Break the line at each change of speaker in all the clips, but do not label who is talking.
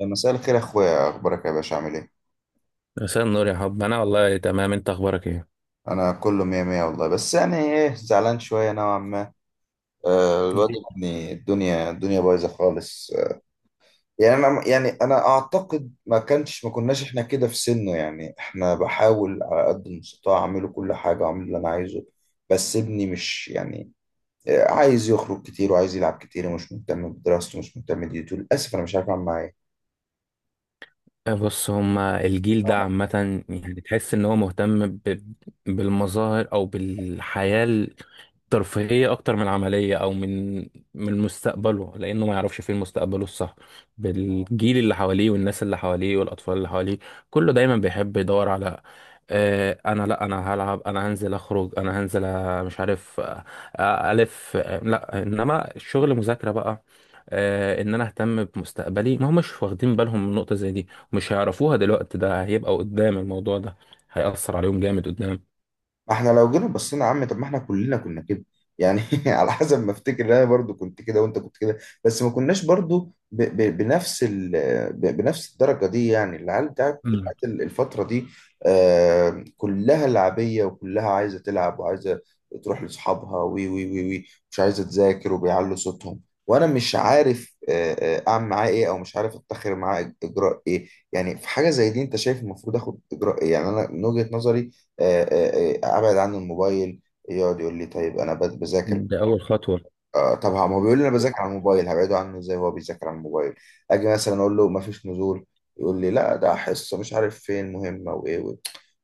مساء الخير يا اخويا، اخبارك يا باشا؟ عامل ايه؟
مساء النور يا حب، انا والله تمام. انت اخبارك ايه؟
انا كله مية مية والله، بس يعني ايه، زعلان شوية نوعا ما. الواد
الجيل-
ابني الدنيا بايظة خالص. يعني انا اعتقد ما كناش احنا كده في سنه، يعني احنا بحاول على قد المستطاع اعمله كل حاجة واعمل اللي انا عايزه. بس ابني مش يعني، عايز يخرج كتير وعايز يلعب كتير ومش مهتم بدراسته ومش مهتم بديته. للاسف انا مش عارف اعمل معاه إيه.
بص، هما الجيل ده عامة. يعني تحس ان هو مهتم بالمظاهر او بالحياة ترفيهية أكتر من عملية، أو من مستقبله، لأنه ما يعرفش فين مستقبله الصح، بالجيل اللي حواليه والناس اللي حواليه والأطفال اللي حواليه. كله دايما بيحب يدور على آه، أنا لأ، أنا هلعب، أنا هنزل أخرج، أنا هنزل، مش عارف، ألف، لأ، إنما الشغل مذاكرة بقى. إن أنا أهتم بمستقبلي، ما همش واخدين بالهم من نقطة زي دي، مش هيعرفوها دلوقتي. ده هيبقى قدام، الموضوع ده هيأثر عليهم جامد قدام.
ما احنا لو جينا بصينا يا عم، طب ما احنا كلنا كنا كده. يعني على حسب ما افتكر انا برضو كنت كده وانت كنت كده، بس ما كناش برضو ب بنفس ال ب بنفس الدرجة دي. يعني العيال بتاعت
مم.
الفترة دي آه كلها لعبية، وكلها عايزة تلعب وعايزة تروح لأصحابها وي وي وي وي مش عايزة تذاكر وبيعلوا صوتهم. وانا مش عارف اعمل معاه ايه، او مش عارف اتخذ معاه اجراء ايه. يعني في حاجة زي دي انت شايف المفروض اخد اجراء ايه؟ يعني انا من وجهة نظري ابعد عنه الموبايل. يقعد يقول لي طيب انا بذاكر.
دي أول خطوة.
طب ما هو بيقول لي انا بذاكر على الموبايل، هبعده عنه ازاي وهو بيذاكر على الموبايل؟ اجي مثلا اقول له ما فيش نزول، يقول لي لا ده حصه مش عارف فين مهمه وايه و...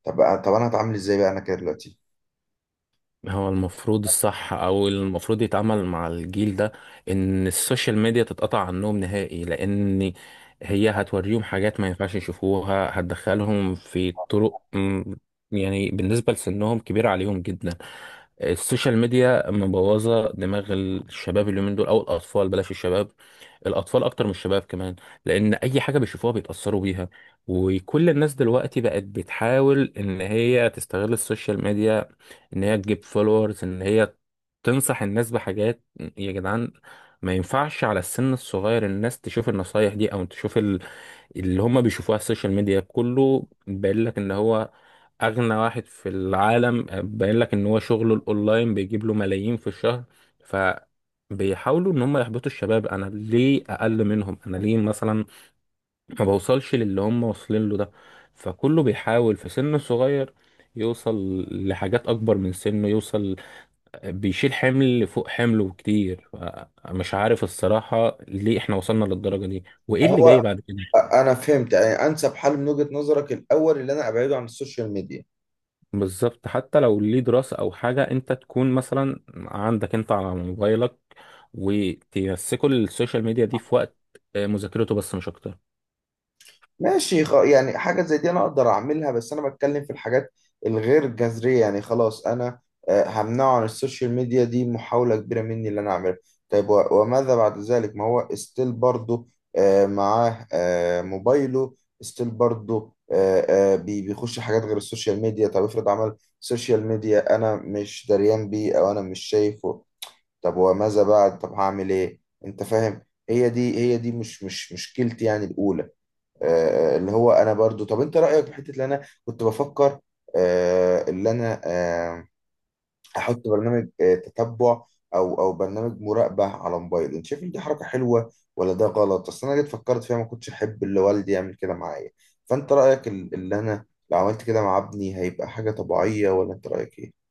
طب انا هتعامل ازاي بقى انا كده دلوقتي؟
هو المفروض الصح، او المفروض يتعامل مع الجيل ده ان السوشيال ميديا تتقطع عنهم نهائي، لان هي هتوريهم حاجات ما ينفعش يشوفوها، هتدخلهم في طرق يعني بالنسبة لسنهم كبيرة عليهم جدا. السوشيال ميديا مبوظة دماغ الشباب اليومين دول، او الاطفال بلاش الشباب، الاطفال اكتر من الشباب كمان، لان اي حاجه بيشوفوها بيتاثروا بيها. وكل الناس دلوقتي بقت بتحاول ان هي تستغل السوشيال ميديا، ان هي تجيب فولورز، ان هي تنصح الناس بحاجات. يا جدعان، ما ينفعش على السن الصغير الناس تشوف النصايح دي او تشوف اللي هم بيشوفوها على السوشيال ميديا. كله باين لك ان هو اغنى واحد في العالم، باين لك ان هو شغله الاونلاين بيجيب له ملايين في الشهر. بيحاولوا ان هم يحبطوا الشباب. انا ليه اقل منهم؟ انا ليه مثلا ما بوصلش للي هم واصلين له ده؟ فكله بيحاول في سن صغير يوصل لحاجات اكبر من سنه، يوصل بيشيل حمل فوق حمله كتير. مش عارف الصراحة ليه احنا وصلنا للدرجة دي وايه اللي جاي
فهو،
بعد كده.
انا فهمت يعني انسب حل من وجهة نظرك الاول اللي انا ابعده عن السوشيال ميديا.
بالظبط، حتى لو ليه دراسة او حاجة، انت تكون مثلا عندك انت على موبايلك، وتمسكوا السوشيال ميديا دي في وقت مذاكرته بس مش اكتر.
ماشي، يعني حاجة زي دي أنا أقدر أعملها، بس أنا بتكلم في الحاجات الغير جذرية. يعني خلاص أنا همنعه عن السوشيال ميديا، دي محاولة كبيرة مني اللي أنا أعملها. طيب وماذا بعد ذلك؟ ما هو ستيل برضه معاه موبايله، ستيل برضه بيخش حاجات غير السوشيال ميديا. طب افرض عمل سوشيال ميديا أنا مش دريان بيه أو أنا مش شايفه، طب وماذا بعد؟ طب هعمل إيه؟ أنت فاهم؟ هي دي مش مشكلتي يعني الأولى. اللي هو انا برضو، طب انت رايك في حته اللي انا كنت بفكر اللي انا احط برنامج تتبع، او برنامج مراقبه على موبايل؟ انت شايف ان دي حركه حلوه ولا ده غلط؟ اصل انا جيت فكرت فيها، ما كنتش احب اللي والدي يعمل كده معايا. فانت رايك، اللي انا لو عملت كده مع ابني هيبقى حاجه طبيعيه، ولا انت رايك ايه؟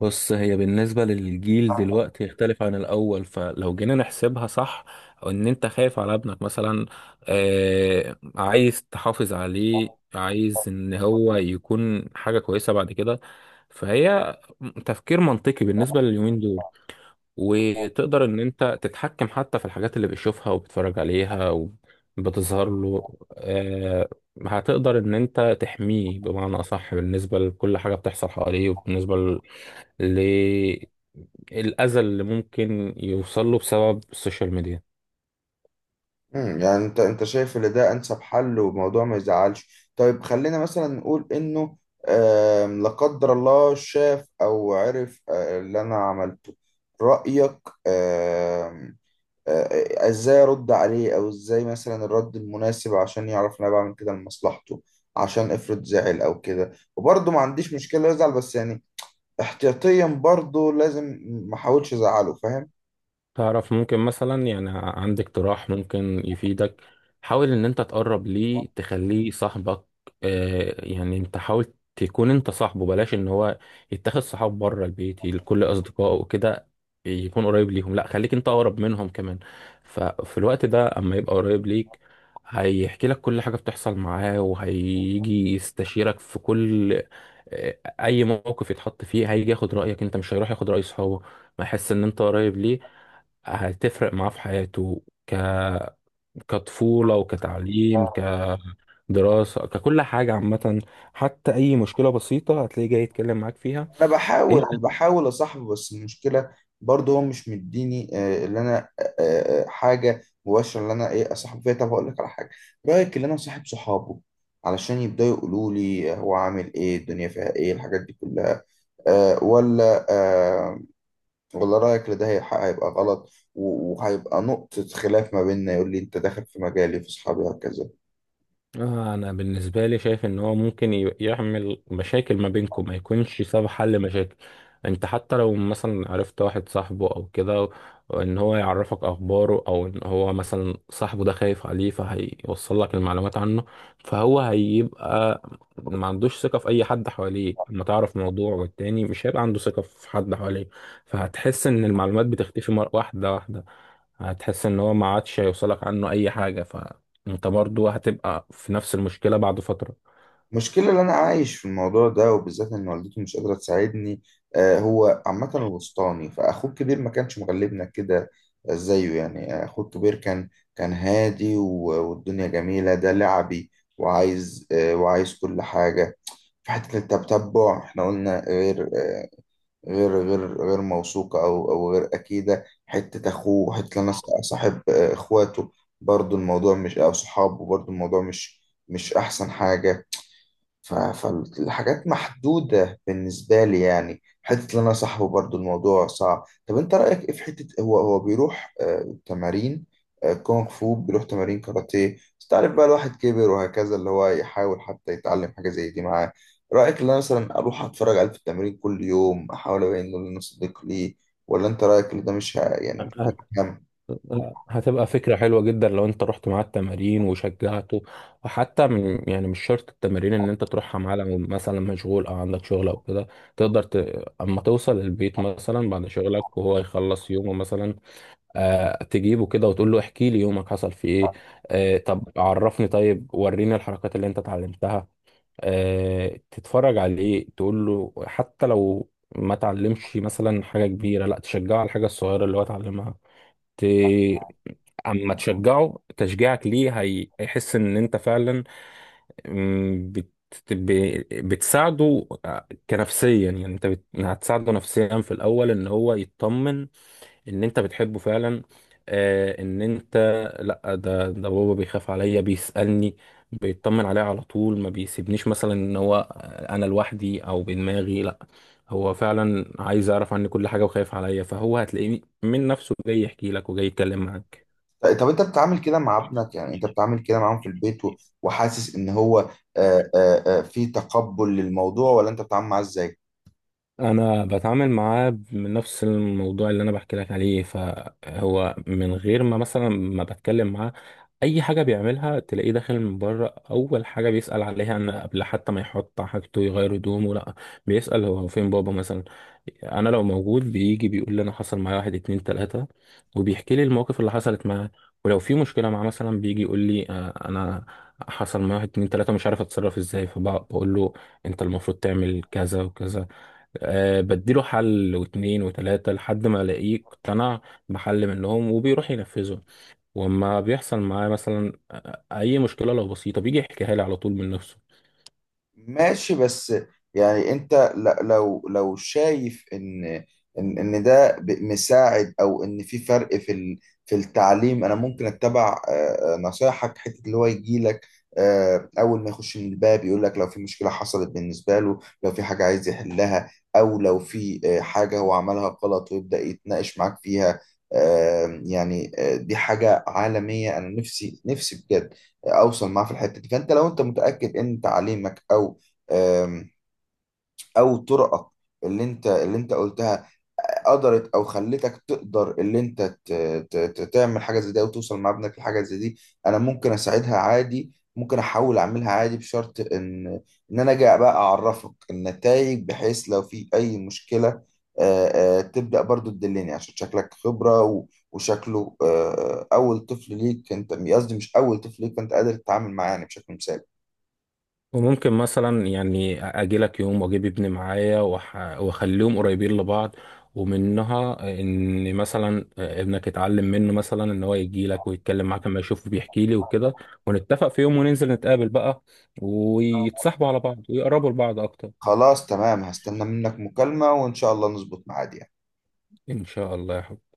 بص، هي بالنسبة للجيل دلوقتي يختلف عن الأول، فلو جينا نحسبها صح، أو إن أنت خايف على ابنك مثلا، عايز تحافظ عليه، عايز إن هو يكون حاجة كويسة بعد كده، فهي تفكير منطقي بالنسبة لليومين دول. وتقدر إن أنت تتحكم حتى في الحاجات اللي بيشوفها وبيتفرج عليها وبتظهر له. آه هتقدر إن أنت تحميه بمعنى أصح، بالنسبة لكل حاجة بتحصل حواليه وبالنسبة للأذى اللي ممكن يوصل له بسبب السوشيال ميديا.
امم، يعني انت شايف ان ده انسب حل وموضوع ما يزعلش. طيب خلينا مثلا نقول انه آم، لا قدر الله، شاف او عرف اللي انا عملته، رأيك آم، ازاي ارد عليه؟ او ازاي مثلا الرد المناسب عشان يعرف ان انا بعمل كده لمصلحته؟ عشان افرض زعل او كده، وبرضه ما عنديش مشكلة يزعل، بس يعني احتياطيا برضه لازم ما احاولش ازعله، فاهم؟
تعرف ممكن مثلا، يعني عندك اقتراح ممكن يفيدك، حاول ان انت تقرب ليه، تخليه صاحبك. يعني انت حاول تكون انت صاحبه، بلاش ان هو يتخذ صحاب بره البيت لكل اصدقائه وكده، يكون قريب ليهم. لا، خليك انت اقرب منهم كمان. ففي الوقت ده، اما يبقى قريب ليك، هيحكي لك كل حاجة بتحصل معاه، وهيجي يستشيرك في كل اي موقف يتحط فيه. هيجي ياخد رأيك انت، مش هيروح ياخد رأي صحابه. ما يحس ان انت قريب ليه، هتفرق معاه في حياته كطفولة وكتعليم كدراسة ككل حاجة عامة. حتى أي مشكلة بسيطة هتلاقيه جاي يتكلم معاك فيها.
انا بحاول اصاحبه، بس المشكله برضه هو مش مديني اللي انا حاجه مباشره اللي انا ايه اصاحبه فيها. طب هقول لك على حاجه، رايك اللي انا صاحب صحابه علشان يبداوا يقولوا لي هو عامل ايه، الدنيا فيها ايه، الحاجات دي كلها؟ أه ولا أه؟ ولا رايك ان ده هيبقى غلط وهيبقى نقطه خلاف ما بيننا، يقول لي انت داخل في مجالي في اصحابي وهكذا؟
انا بالنسبه لي شايف ان هو ممكن يعمل مشاكل ما بينكم، ما يكونش سبب حل مشاكل. انت حتى لو مثلا عرفت واحد صاحبه او كده ان هو يعرفك اخباره، او ان هو مثلا صاحبه ده خايف عليه فهيوصل لك المعلومات عنه، فهو هيبقى ما عندوش ثقه في اي حد حواليه. لما تعرف موضوع والتاني مش هيبقى عنده ثقه في حد حواليه، فهتحس ان المعلومات بتختفي مره، واحده واحده. هتحس ان هو ما عادش هيوصلك عنه اي حاجه، انت برضو هتبقى في نفس المشكلة بعد فترة.
المشكلة اللي أنا عايش في الموضوع ده، وبالذات إن والدتي مش قادرة تساعدني. هو عامة الوسطاني، فأخوه الكبير ما كانش مغلبنا كده زيه. يعني أخوه الكبير كان هادي والدنيا جميلة، ده لعبي وعايز وعايز كل حاجة. في حتة التتبع إحنا قلنا غير غير غير موثوقة، أو غير أكيدة. حتة أخوه، حتة أنا صاحب إخواته برضو الموضوع مش، أو صحابه برضو الموضوع مش مش أحسن حاجة. فالحاجات محدودة بالنسبة لي. يعني حتة إن أنا صاحبه برضو الموضوع صعب. طب أنت رأيك إيه في حتة هو بيروح تمارين كونغ فو، بيروح تمارين كاراتيه، بس تعرف بقى الواحد كبر وهكذا، اللي هو يحاول حتى يتعلم حاجة زي دي معاه؟ رأيك إن أنا مثلا أروح أتفرج عليه في التمرين كل يوم، أحاول أبين إنه أنا صديق ليه، ولا أنت رأيك إن ده مش ه- يعني
أكيد
مش هيكمل؟
هتبقى فكرة حلوة جدا لو انت رحت معاه التمارين وشجعته. وحتى من يعني مش شرط التمارين ان انت تروحها معاه، لو مثلا مشغول او عندك شغل او كده، تقدر اما توصل البيت مثلا بعد شغلك وهو يخلص يومه مثلا، تجيبه كده وتقول له احكي لي يومك حصل فيه ايه. طب عرفني، طيب وريني الحركات اللي انت اتعلمتها. تتفرج عليه تقول له، حتى لو ما تعلمش مثلا حاجة كبيرة، لا تشجعه على الحاجة الصغيرة اللي هو اتعلمها. ت... اما تشجعه، تشجيعك ليه هيحس ان انت فعلا مم، بت... ب... بتساعده، كنفسيا. يعني انت هتساعده نفسيا في الاول، ان هو يطمن ان انت بتحبه فعلا. ان انت، لا ده بابا بيخاف عليا، بيسألني، بيطمن عليا على طول، ما بيسيبنيش مثلا ان هو انا لوحدي او بدماغي. لا، هو فعلا عايز يعرف عني كل حاجة وخايف عليا، فهو هتلاقيه من نفسه جاي يحكي لك وجاي يتكلم معاك.
طيب، طب انت بتتعامل كده مع ابنك؟ يعني انت بتتعامل كده معاهم في البيت، وحاسس ان هو في تقبل للموضوع؟ ولا انت بتتعامل معاه ازاي؟
انا بتعامل معاه من نفس الموضوع اللي انا بحكي لك عليه، فهو من غير ما مثلا ما بتكلم معاه اي حاجه بيعملها، تلاقيه داخل من بره اول حاجه بيسال عليها. ان قبل حتى ما يحط حاجته يغير هدومه، لا، بيسال هو فين بابا مثلا. انا لو موجود بيجي بيقول لي انا حصل معايا واحد اتنين تلاته، وبيحكي لي المواقف اللي حصلت معاه. ولو في مشكله معاه مثلا بيجي يقول لي انا حصل معايا واحد اتنين تلاته مش عارف اتصرف ازاي، فبقول له انت المفروض تعمل كذا وكذا. أه، بديله حل واتنين وتلاتة لحد ما الاقيه اقتنع بحل منهم وبيروح ينفذه. وما بيحصل معاه مثلا اي مشكلة لو بسيطة بيجي يحكيها لي على طول من نفسه.
ماشي، بس يعني انت لو شايف ان ان ده مساعد، او ان في فرق في في التعليم، انا ممكن اتبع نصايحك. حته اللي هو يجي لك اول ما يخش من الباب يقول لك لو في مشكله حصلت بالنسبه له، لو في حاجه عايز يحلها، او لو في حاجه هو عملها غلط ويبدا يتناقش معاك فيها، يعني دي حاجه عالميه، انا نفسي بجد اوصل معاه في الحته دي. فانت لو انت متاكد ان تعليمك او آم، او طرقك اللي انت قلتها قدرت، او خلتك تقدر، اللي انت تعمل حاجه زي دي او توصل مع ابنك لحاجه زي دي، انا ممكن اساعدها عادي، ممكن احاول اعملها عادي، بشرط ان انا جاي بقى اعرفك النتائج، بحيث لو في اي مشكله آه، تبدا برضو تدلني، عشان شكلك خبره، وشكله اول طفل ليك، انت قصدي مش اول طفل ليك، فانت قادر تتعامل معاه يعني بشكل مثالي.
وممكن مثلا يعني اجي لك يوم واجيب ابني معايا، واخليهم قريبين لبعض، ومنها ان مثلا ابنك يتعلم منه مثلا ان هو يجي لك ويتكلم معاك لما يشوفه بيحكي لي وكده. ونتفق في يوم وننزل نتقابل بقى ويتصاحبوا على بعض ويقربوا لبعض اكتر.
خلاص، تمام، هستنى منك مكالمه، وان شاء الله نظبط ميعاد يعني.
ان شاء الله يا حبيبي.